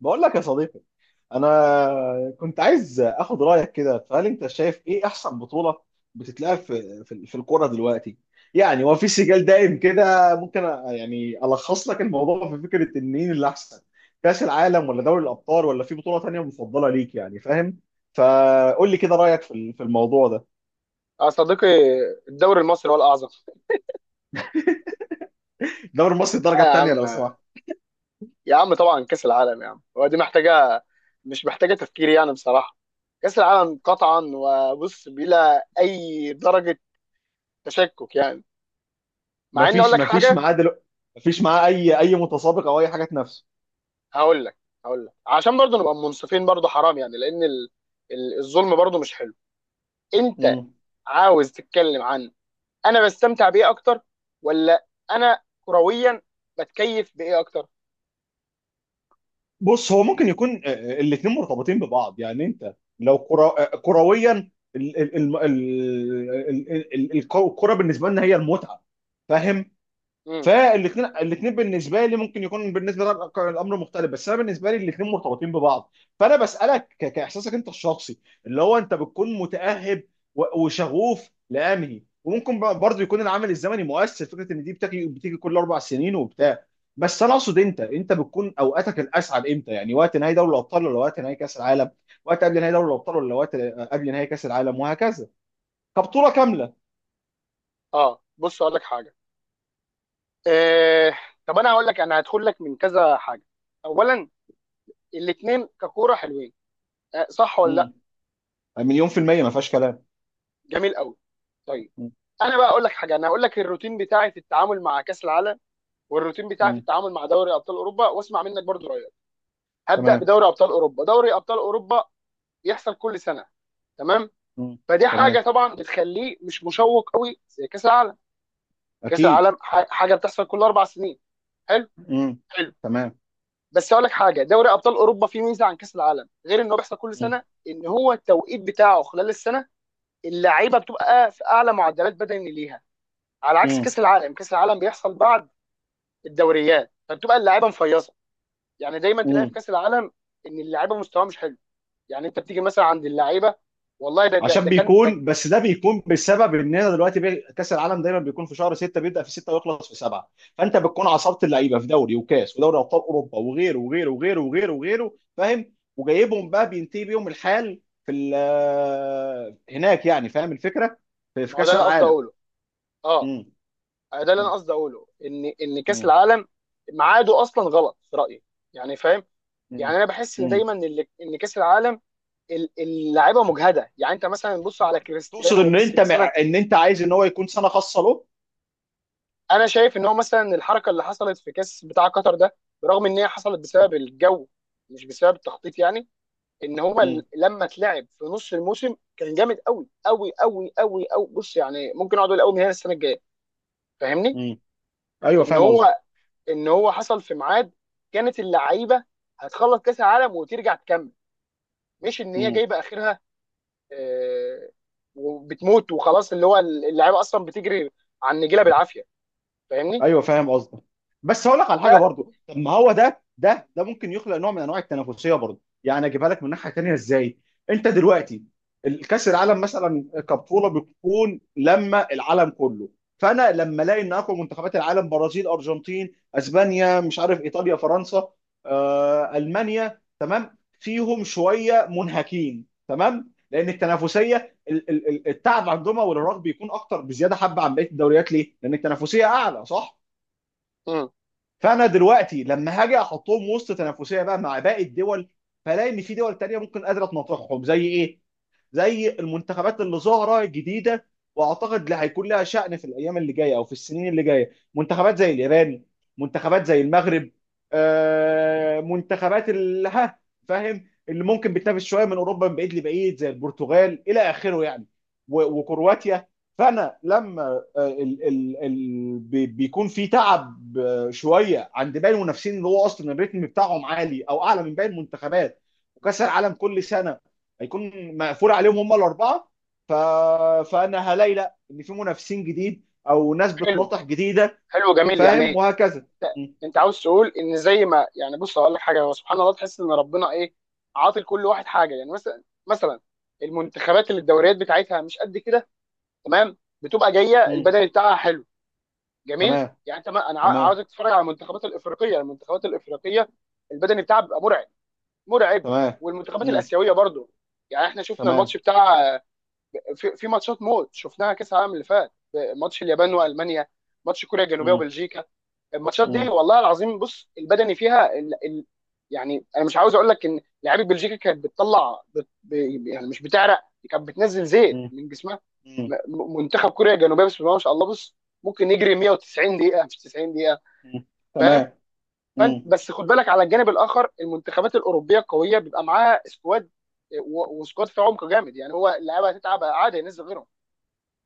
بقول لك يا صديقي، انا كنت عايز اخد رايك كده. فهل انت شايف ايه احسن بطوله بتتلعب في الكوره دلوقتي؟ يعني هو في سجال دايم كده. ممكن يعني الخص لك الموضوع في فكره ان مين اللي احسن، كاس العالم ولا دوري الابطال ولا في بطوله تانية مفضله ليك؟ يعني فاهم؟ فقول لي كده رايك في في الموضوع ده. يا صديقي، الدوري المصري هو الأعظم. الدوري المصري الدرجه آه يا الثانيه لو عم، سمحت. يا عم طبعا كأس العالم يا عم، ودي محتاجة. مش محتاجة تفكير يعني بصراحة. كأس العالم قطعا وبص بلا أي درجة تشكك يعني. مع إني أقول مفيش لك مفيش حاجة. معاه دلوقتي، مفيش معاه اي متسابق او اي حاجه تنافسه. هقول لك هقول لك عشان برضه نبقى منصفين برضه حرام يعني. لأن الظلم برضه مش حلو. أنت عاوز تتكلم عن أنا بستمتع بإيه أكتر، ولا أنا كرويا بتكيف بإيه أكتر؟ بص، هو ممكن يكون الاثنين مرتبطين ببعض. يعني انت لو كرة كرويا، الكرة بالنسبة لنا هي المتعة، فاهم؟ امم فالاثنين بالنسبه لي ممكن يكون بالنسبه لك الامر مختلف، بس انا بالنسبه لي الاثنين مرتبطين ببعض. فانا بسالك كاحساسك انت الشخصي، اللي هو انت بتكون متاهب وشغوف لانهي، وممكن برضه يكون العامل الزمني مؤثر، فكره ان دي بتيجي كل 4 سنين وبتاع. بس انا اقصد، انت بتكون اوقاتك الاسعد امتى؟ يعني وقت نهائي دوري الابطال ولا وقت نهائي كاس العالم؟ وقت قبل نهائي دوري الابطال ولا وقت قبل نهائي كاس العالم وهكذا، كبطوله كامله. بص أقول لك حاجة. آه طب انا هقول لك، انا هدخل لك من كذا حاجه. اولا، الاثنين ككوره حلوين، آه صح ولا لا؟ مم. مليون في الميه، ما فيهاش كلام. جميل قوي، طيب. مم. انا بقى اقول لك حاجه، انا هقول لك الروتين بتاعي في التعامل مع كاس العالم والروتين بتاعي في مم. التعامل مع دوري ابطال اوروبا، واسمع منك برضو رايك. هبدا تمام. بدوري ابطال اوروبا. دوري ابطال اوروبا يحصل كل سنه، تمام. مم. فدي حاجه تمام، طبعا بتخليه مش مشوق قوي زي كاس العالم. كاس اكيد. العالم حاجه بتحصل كل اربع سنين، حلو. مم. تمام. بس اقول لك حاجه، دوري ابطال اوروبا فيه ميزه عن كاس العالم غير انه بيحصل كل مم. سنه، ان هو التوقيت بتاعه خلال السنه اللعيبه بتبقى في اعلى معدلات بدني ليها، على عكس مم. كاس العالم. كاس العالم بيحصل بعد الدوريات فبتبقى اللعيبه مفيصه. يعني دايما تلاقي مم. في كاس العالم ان اللعيبه مستواها مش حلو. يعني انت بتيجي مثلا عند اللعيبه، والله ده ده, عشان ده كان ده. بيكون، بس ده بيكون بسبب اننا دلوقتي كاس العالم دايما بيكون في شهر 6، بيبدا في 6 ويخلص في 7. فانت بتكون عصبت اللعيبه في دوري وكاس ودوري ابطال اوروبا وغيره، فاهم؟ وجايبهم بقى بينتهي بيهم الحال في هناك، يعني فاهم الفكره؟ في في ما هو ده كاس اللي انا قصدي العالم. اقوله. اه مم. ده اللي انا مم. قصدي اقوله ان كاس مم. العالم ميعاده اصلا غلط في رايي، يعني فاهم. يعني مم. انا بحس ان مم. دايما ان إن كاس العالم اللاعيبه مجهده. يعني انت مثلا بص على تقصد كريستيانو ان وميسي مثلا. ان انت عايز ان هو يكون سنه خاصه انا شايف ان هو مثلا الحركه اللي حصلت في كاس بتاع قطر ده، برغم ان هي حصلت بسبب الجو مش بسبب التخطيط يعني، ان هو له. لما اتلعب في نص الموسم كان جامد قوي قوي قوي قوي قوي. بص يعني ممكن اقعد اقول قوي من هنا السنه الجايه، فاهمني؟ مم. ايوه ان فاهم قصدي. هو ان هو حصل في ميعاد كانت اللعيبه هتخلص كاس العالم وترجع تكمل، مش ان هي مم. جايبه اخرها، آه، وبتموت وخلاص. اللي هو اللعيبه اصلا بتجري على النجيله بالعافيه، فاهمني؟ ايوه فاهم قصدي. بس هقول لك على حاجه لا. برضو، طب ما هو ده ممكن يخلق نوع من انواع التنافسيه برضو. يعني اجيبها لك من ناحيه تانيه ازاي، انت دلوقتي الكاس العالم مثلا كبطوله بتكون لما العالم كله، فانا لما الاقي ان اقوى منتخبات العالم، برازيل، ارجنتين، اسبانيا، مش عارف، ايطاليا، فرنسا، المانيا، تمام، فيهم شويه منهكين. تمام، لان التنافسيه، التعب عندهم والارهاق بيكون اكتر بزياده حبه عن بقيه الدوريات. ليه؟ لان التنافسيه اعلى، صح؟ مم. فانا دلوقتي لما هاجي احطهم وسط تنافسيه بقى مع باقي الدول، فلاقي ان في دول تانيه ممكن قادره تناطحهم زي ايه؟ زي المنتخبات اللي ظاهره جديده، واعتقد اللي هيكون لها شأن في الايام اللي جايه او في السنين اللي جايه، منتخبات زي اليابان، منتخبات زي المغرب، منتخبات اللي ها، فاهم، اللي ممكن بتنافس شويه من اوروبا من بعيد لبعيد زي البرتغال الى اخره يعني، وكرواتيا. فانا لما بيكون في تعب شويه عند باقي المنافسين، اللي هو اصلا الريتم بتاعهم عالي او اعلى من باقي المنتخبات، وكاس العالم كل سنه هيكون مقفول عليهم هم الاربعه. ف... فانا هلاقي لا، ان في منافسين جديد او ناس حلو، بتناطح جديده، حلو جميل فاهم يعني. وهكذا. م. انت عاوز تقول ان زي ما يعني، بص هقول لك حاجه، هو سبحان الله تحس ان ربنا ايه، عاطي لكل واحد حاجه. يعني مثلا المنتخبات اللي الدوريات بتاعتها مش قد كده، تمام، بتبقى جايه م. البدني بتاعها حلو، جميل تمام. يعني. انت ما انا تمام. عاوزك تتفرج على المنتخبات الافريقيه، المنتخبات الافريقيه البدني بتاعها بيبقى مرعب، مرعب. تمام. والمنتخبات م. الاسيويه برضو. يعني احنا شفنا تمام. الماتش بتاع، في ماتشات موت شفناها كاس العالم اللي فات، ماتش اليابان تمام. والمانيا، ماتش كوريا الجنوبيه م. وبلجيكا. الماتشات م. دي والله العظيم بص البدني فيها يعني انا مش عاوز اقول لك ان لعيبه بلجيكا كانت بتطلع يعني مش بتعرق، كانت بتنزل زيت م. من جسمها. م. منتخب كوريا الجنوبيه بسم الله ما شاء الله، بص ممكن يجري 190 دقيقه مش 90 دقيقه، م. فاهم؟ تمام. فانت م. بس خد بالك على الجانب الاخر، المنتخبات الاوروبيه القويه بيبقى معاها سكواد، و- وسكواد في عمق جامد. يعني هو اللعيبه هتتعب عادي ينزل غيرهم،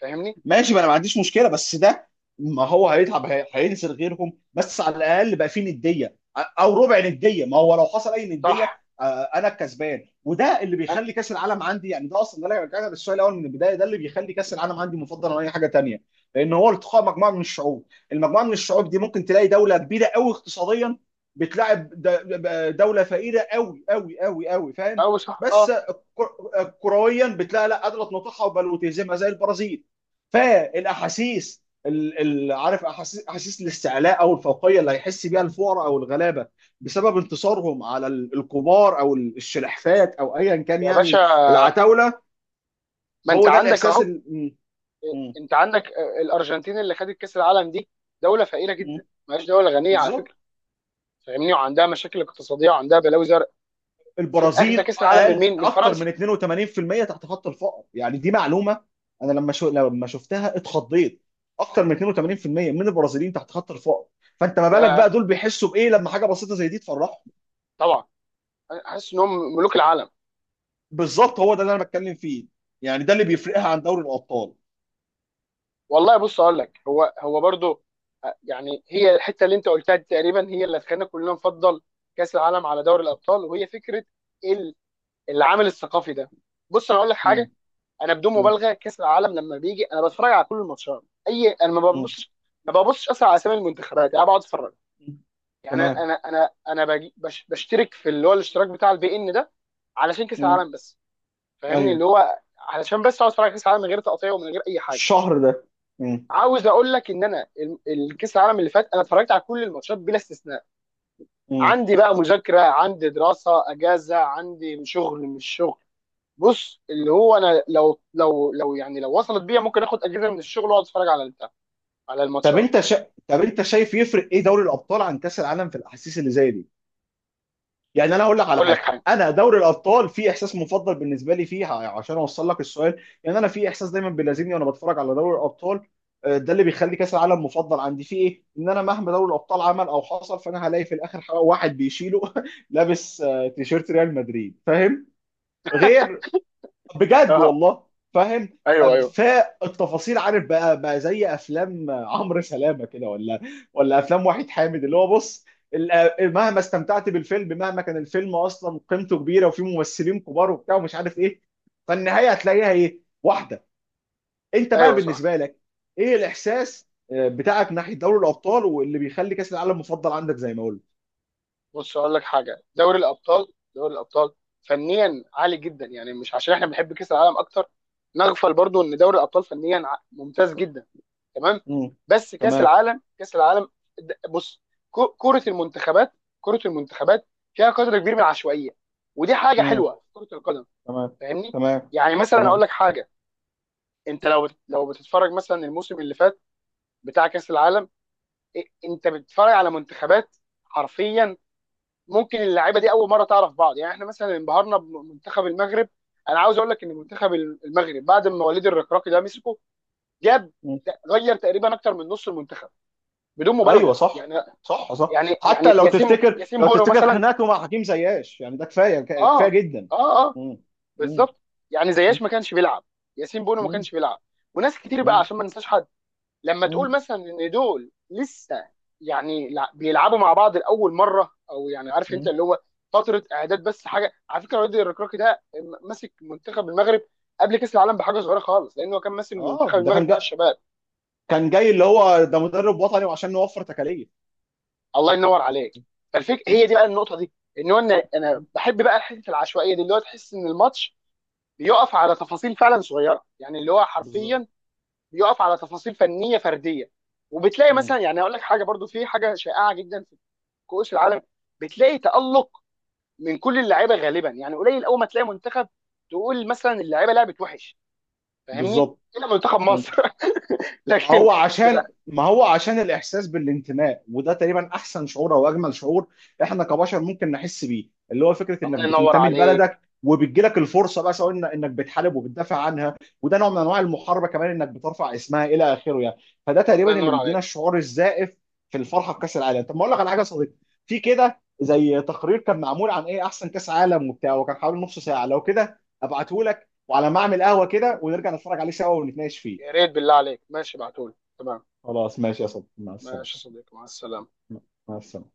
فاهمني؟ ماشي، ما انا ما عنديش مشكله، بس ده ما هو هيتعب، هينزل غيرهم، بس على الاقل بقى فيه نديه او ربع نديه. ما هو لو حصل اي صح. نديه انا الكسبان، وده اللي أ- بيخلي كاس العالم عندي. يعني ده اصلا، ده اللي رجعنا للسؤال الاول من البدايه، ده اللي بيخلي كاس العالم عندي مفضل عن اي حاجه تانيه، لان هو التقاء مجموعه من الشعوب. المجموعه من الشعوب دي ممكن تلاقي دوله كبيره قوي اقتصاديا بتلاعب دوله فقيره قوي قوي قوي قوي، فاهم؟ او صح، بس اه. كرويا بتلاقي لا، قادره تنطحها وبل وتهزمها زي البرازيل. فالاحاسيس عارف احاسيس، احاسيس الاستعلاء او الفوقيه اللي هيحس بيها الفقراء او الغلابه، بسبب انتصارهم على الكبار او الشلحفات او ايا كان يا باشا يعني، العتاوله. ما انت هو ده عندك الاحساس اهو. م- انت عندك الارجنتين اللي خدت كاس العالم دي دوله فقيره م- جدا، مش دوله غنيه على فكره. بالظبط. فاهمني، وعندها مشاكل اقتصاديه وعندها بلاوي زرق. في اخذ البرازيل، كاس العالم من اقل، مين، من اكتر فرنسا. من 82% تحت خط الفقر، يعني دي معلومه. انا لما لما شفتها اتخضيت، اكتر من مم. 82% من البرازيليين تحت خط الفقر. فانت ما بالك بقى يا دول بيحسوا بايه لما حاجه بسيطه زي دي تفرحهم؟ طبعا، أنا حاسس انهم ملوك العالم. بالظبط، هو ده اللي انا بتكلم فيه. يعني ده اللي بيفرقها عن دوري الابطال. والله بص اقول لك، هو برضو. يعني هي الحته اللي انت قلتها دي تقريبا هي اللي خلينا كلنا نفضل كاس العالم على دوري الابطال، وهي فكره ال- العامل الثقافي ده. بص انا اقول لك مم. حاجه، انا بدون مم. مبالغه كاس العالم لما بيجي انا بتفرج على كل الماتشات، اي انا ما مم. ببصش ما ببصش اصلا على اسامي المنتخبات. انا بقعد اتفرج. يعني انا تمام. انا انا انا بشترك في اللي هو الاشتراك بتاع البي ان ده علشان كاس مم. العالم بس، فاهمني. ايوه، اللي هو علشان بس اقعد اتفرج على كاس العالم من غير تقطيع ومن غير اي حاجه. الشهر ده. مم. عاوز اقول لك ان انا الكاس العالم اللي فات انا اتفرجت على كل الماتشات بلا استثناء. مم. عندي بقى مذاكره، عندي دراسه، اجازه، عندي شغل مش شغل. بص، اللي هو انا لو يعني لو وصلت بيا ممكن اخد اجازه من الشغل واقعد اتفرج على البتاع، على طب الماتشات. طب انت شايف يفرق ايه دوري الابطال عن كاس العالم في الاحاسيس اللي زي دي؟ يعني ي- انا هقول لك على اقول لك حاجه. حاجه. انا دوري الابطال في احساس مفضل بالنسبه لي فيه، عشان اوصل لك السؤال، يعني انا في احساس دايما بيلازمني وانا بتفرج على دوري الابطال. ده اللي بيخلي كاس العالم مفضل عندي فيه ايه؟ ان انا مهما دوري الابطال عمل او حصل، فانا هلاقي في الاخر واحد بيشيله لابس تيشيرت ريال مدريد، فاهم؟ غير، بجد اه، والله، فاهم؟ ايوه، ايوه، فالتفاصيل، عارف بقى، زي افلام عمرو سلامه كده، ولا ولا افلام وحيد حامد، اللي هو بص، مهما استمتعت بالفيلم، مهما كان الفيلم اصلا قيمته كبيره وفيه ممثلين كبار وبتاع ومش عارف ايه، فالنهايه هتلاقيها ايه؟ واحده. انت بقى ايوه صح. بالنسبه لك، ايه الاحساس بتاعك ناحيه دوري الابطال واللي بيخلي كاس العالم مفضل عندك زي ما قلت؟ بص اقول لك حاجه، دوري الابطال، دوري الابطال فنيا عالي جدا. يعني مش عشان احنا بنحب كاس العالم اكتر نغفل برضو ان دوري الابطال فنيا ممتاز جدا، تمام. امم بس كاس تمام. العالم كاس العالم، بص. كره المنتخبات، كره المنتخبات فيها قدر كبير من العشوائيه، ودي حاجه امم حلوه في كره القدم، تمام. فاهمني. تمام. يعني مثلا اقول تمام. لك حاجه، انت لو بتتفرج مثلا الموسم اللي فات بتاع كاس العالم، إيه، انت بتتفرج على منتخبات حرفيا ممكن اللعيبه دي اول مره تعرف بعض. يعني احنا مثلا انبهرنا بمنتخب المغرب. انا عاوز اقول لك ان منتخب المغرب بعد ما وليد الركراكي ده مسكه، جاب غير تقريبا اكتر من نص المنتخب بدون ايوه مبالغه صح. يعني. صح صح. يعني حتى يعني لو ياسين تفتكر، ياسين لو بونو تفتكر مثلا. خناقته مع حكيم زياش يعني، ده كفايه، كفايه اه، جدا. اه، اه مم. مم. بالظبط. يعني مم. زياش ما كانش بيلعب، ياسين بونو ما كانش بيلعب، وناس كتير بقى مم. عشان ما ننساش. لما تقول مم. مثلا ان دول لسه يعني بيلعبوا مع بعض لاول مره، او يعني عارف انت مم. اللي هو فتره اعداد. بس حاجه على فكره، وادي الركراكي ده ماسك منتخب المغرب قبل كاس العالم بحاجه صغيره خالص، لانه كان ماسك اه، منتخب المغرب بتاع الشباب. كان جاي اللي هو ده، مدرب وطني وعشان نوفر تكاليف. الله ينور عليك. فالفكره هي دي مم. بقى، النقطه دي ان هو انا بحب بقى حته العشوائيه دي، اللي هو تحس ان الماتش بيقف على تفاصيل فعلا صغيره. يعني اللي هو بالظبط. حرفيا بيقف على تفاصيل فنيه فرديه. وبتلاقي مم. مثلا يعني اقول لك حاجه برضو، في حاجه شائعه جدا كؤوس العالم، بتلاقي تألق من كل اللعيبه غالبا. يعني قليل اول ما تلاقي منتخب تقول مثلا اللعيبه لعبت وحش، فاهمني؟ بالظبط. الا منتخب مصر ما لكن. هو لا، عشان، ما هو عشان الإحساس بالانتماء، وده تقريبا أحسن شعور أو أجمل شعور إحنا كبشر ممكن نحس بيه، اللي هو فكرة إنك الله ينور بتنتمي عليك، لبلدك وبتجيلك الفرصة بقى سواء إنك بتحارب وبتدافع عنها، وده نوع من أنواع المحاربة كمان، إنك بترفع اسمها إلى آخره يعني. فده الله تقريبا اللي ينور بيدينا عليك. الشعور الزائف في الفرحة بكأس العالم. طب ما أقول لك على حاجة يا صديقي، في كده زي تقرير كان معمول عن إيه أحسن كأس عالم وبتاع، وكان حوالي نص ساعة، لو كده أبعته لك وعلى ما أعمل قهوة كده، ونرجع نتفرج عليه سوا ونتناقش يا فيه. ريت بالله عليك، ماشي ابعتولي، تمام. خلاص ماشي يا صديقي، مع السلامة. ماشي يا صديقي، مع السلامه. مع السلامة.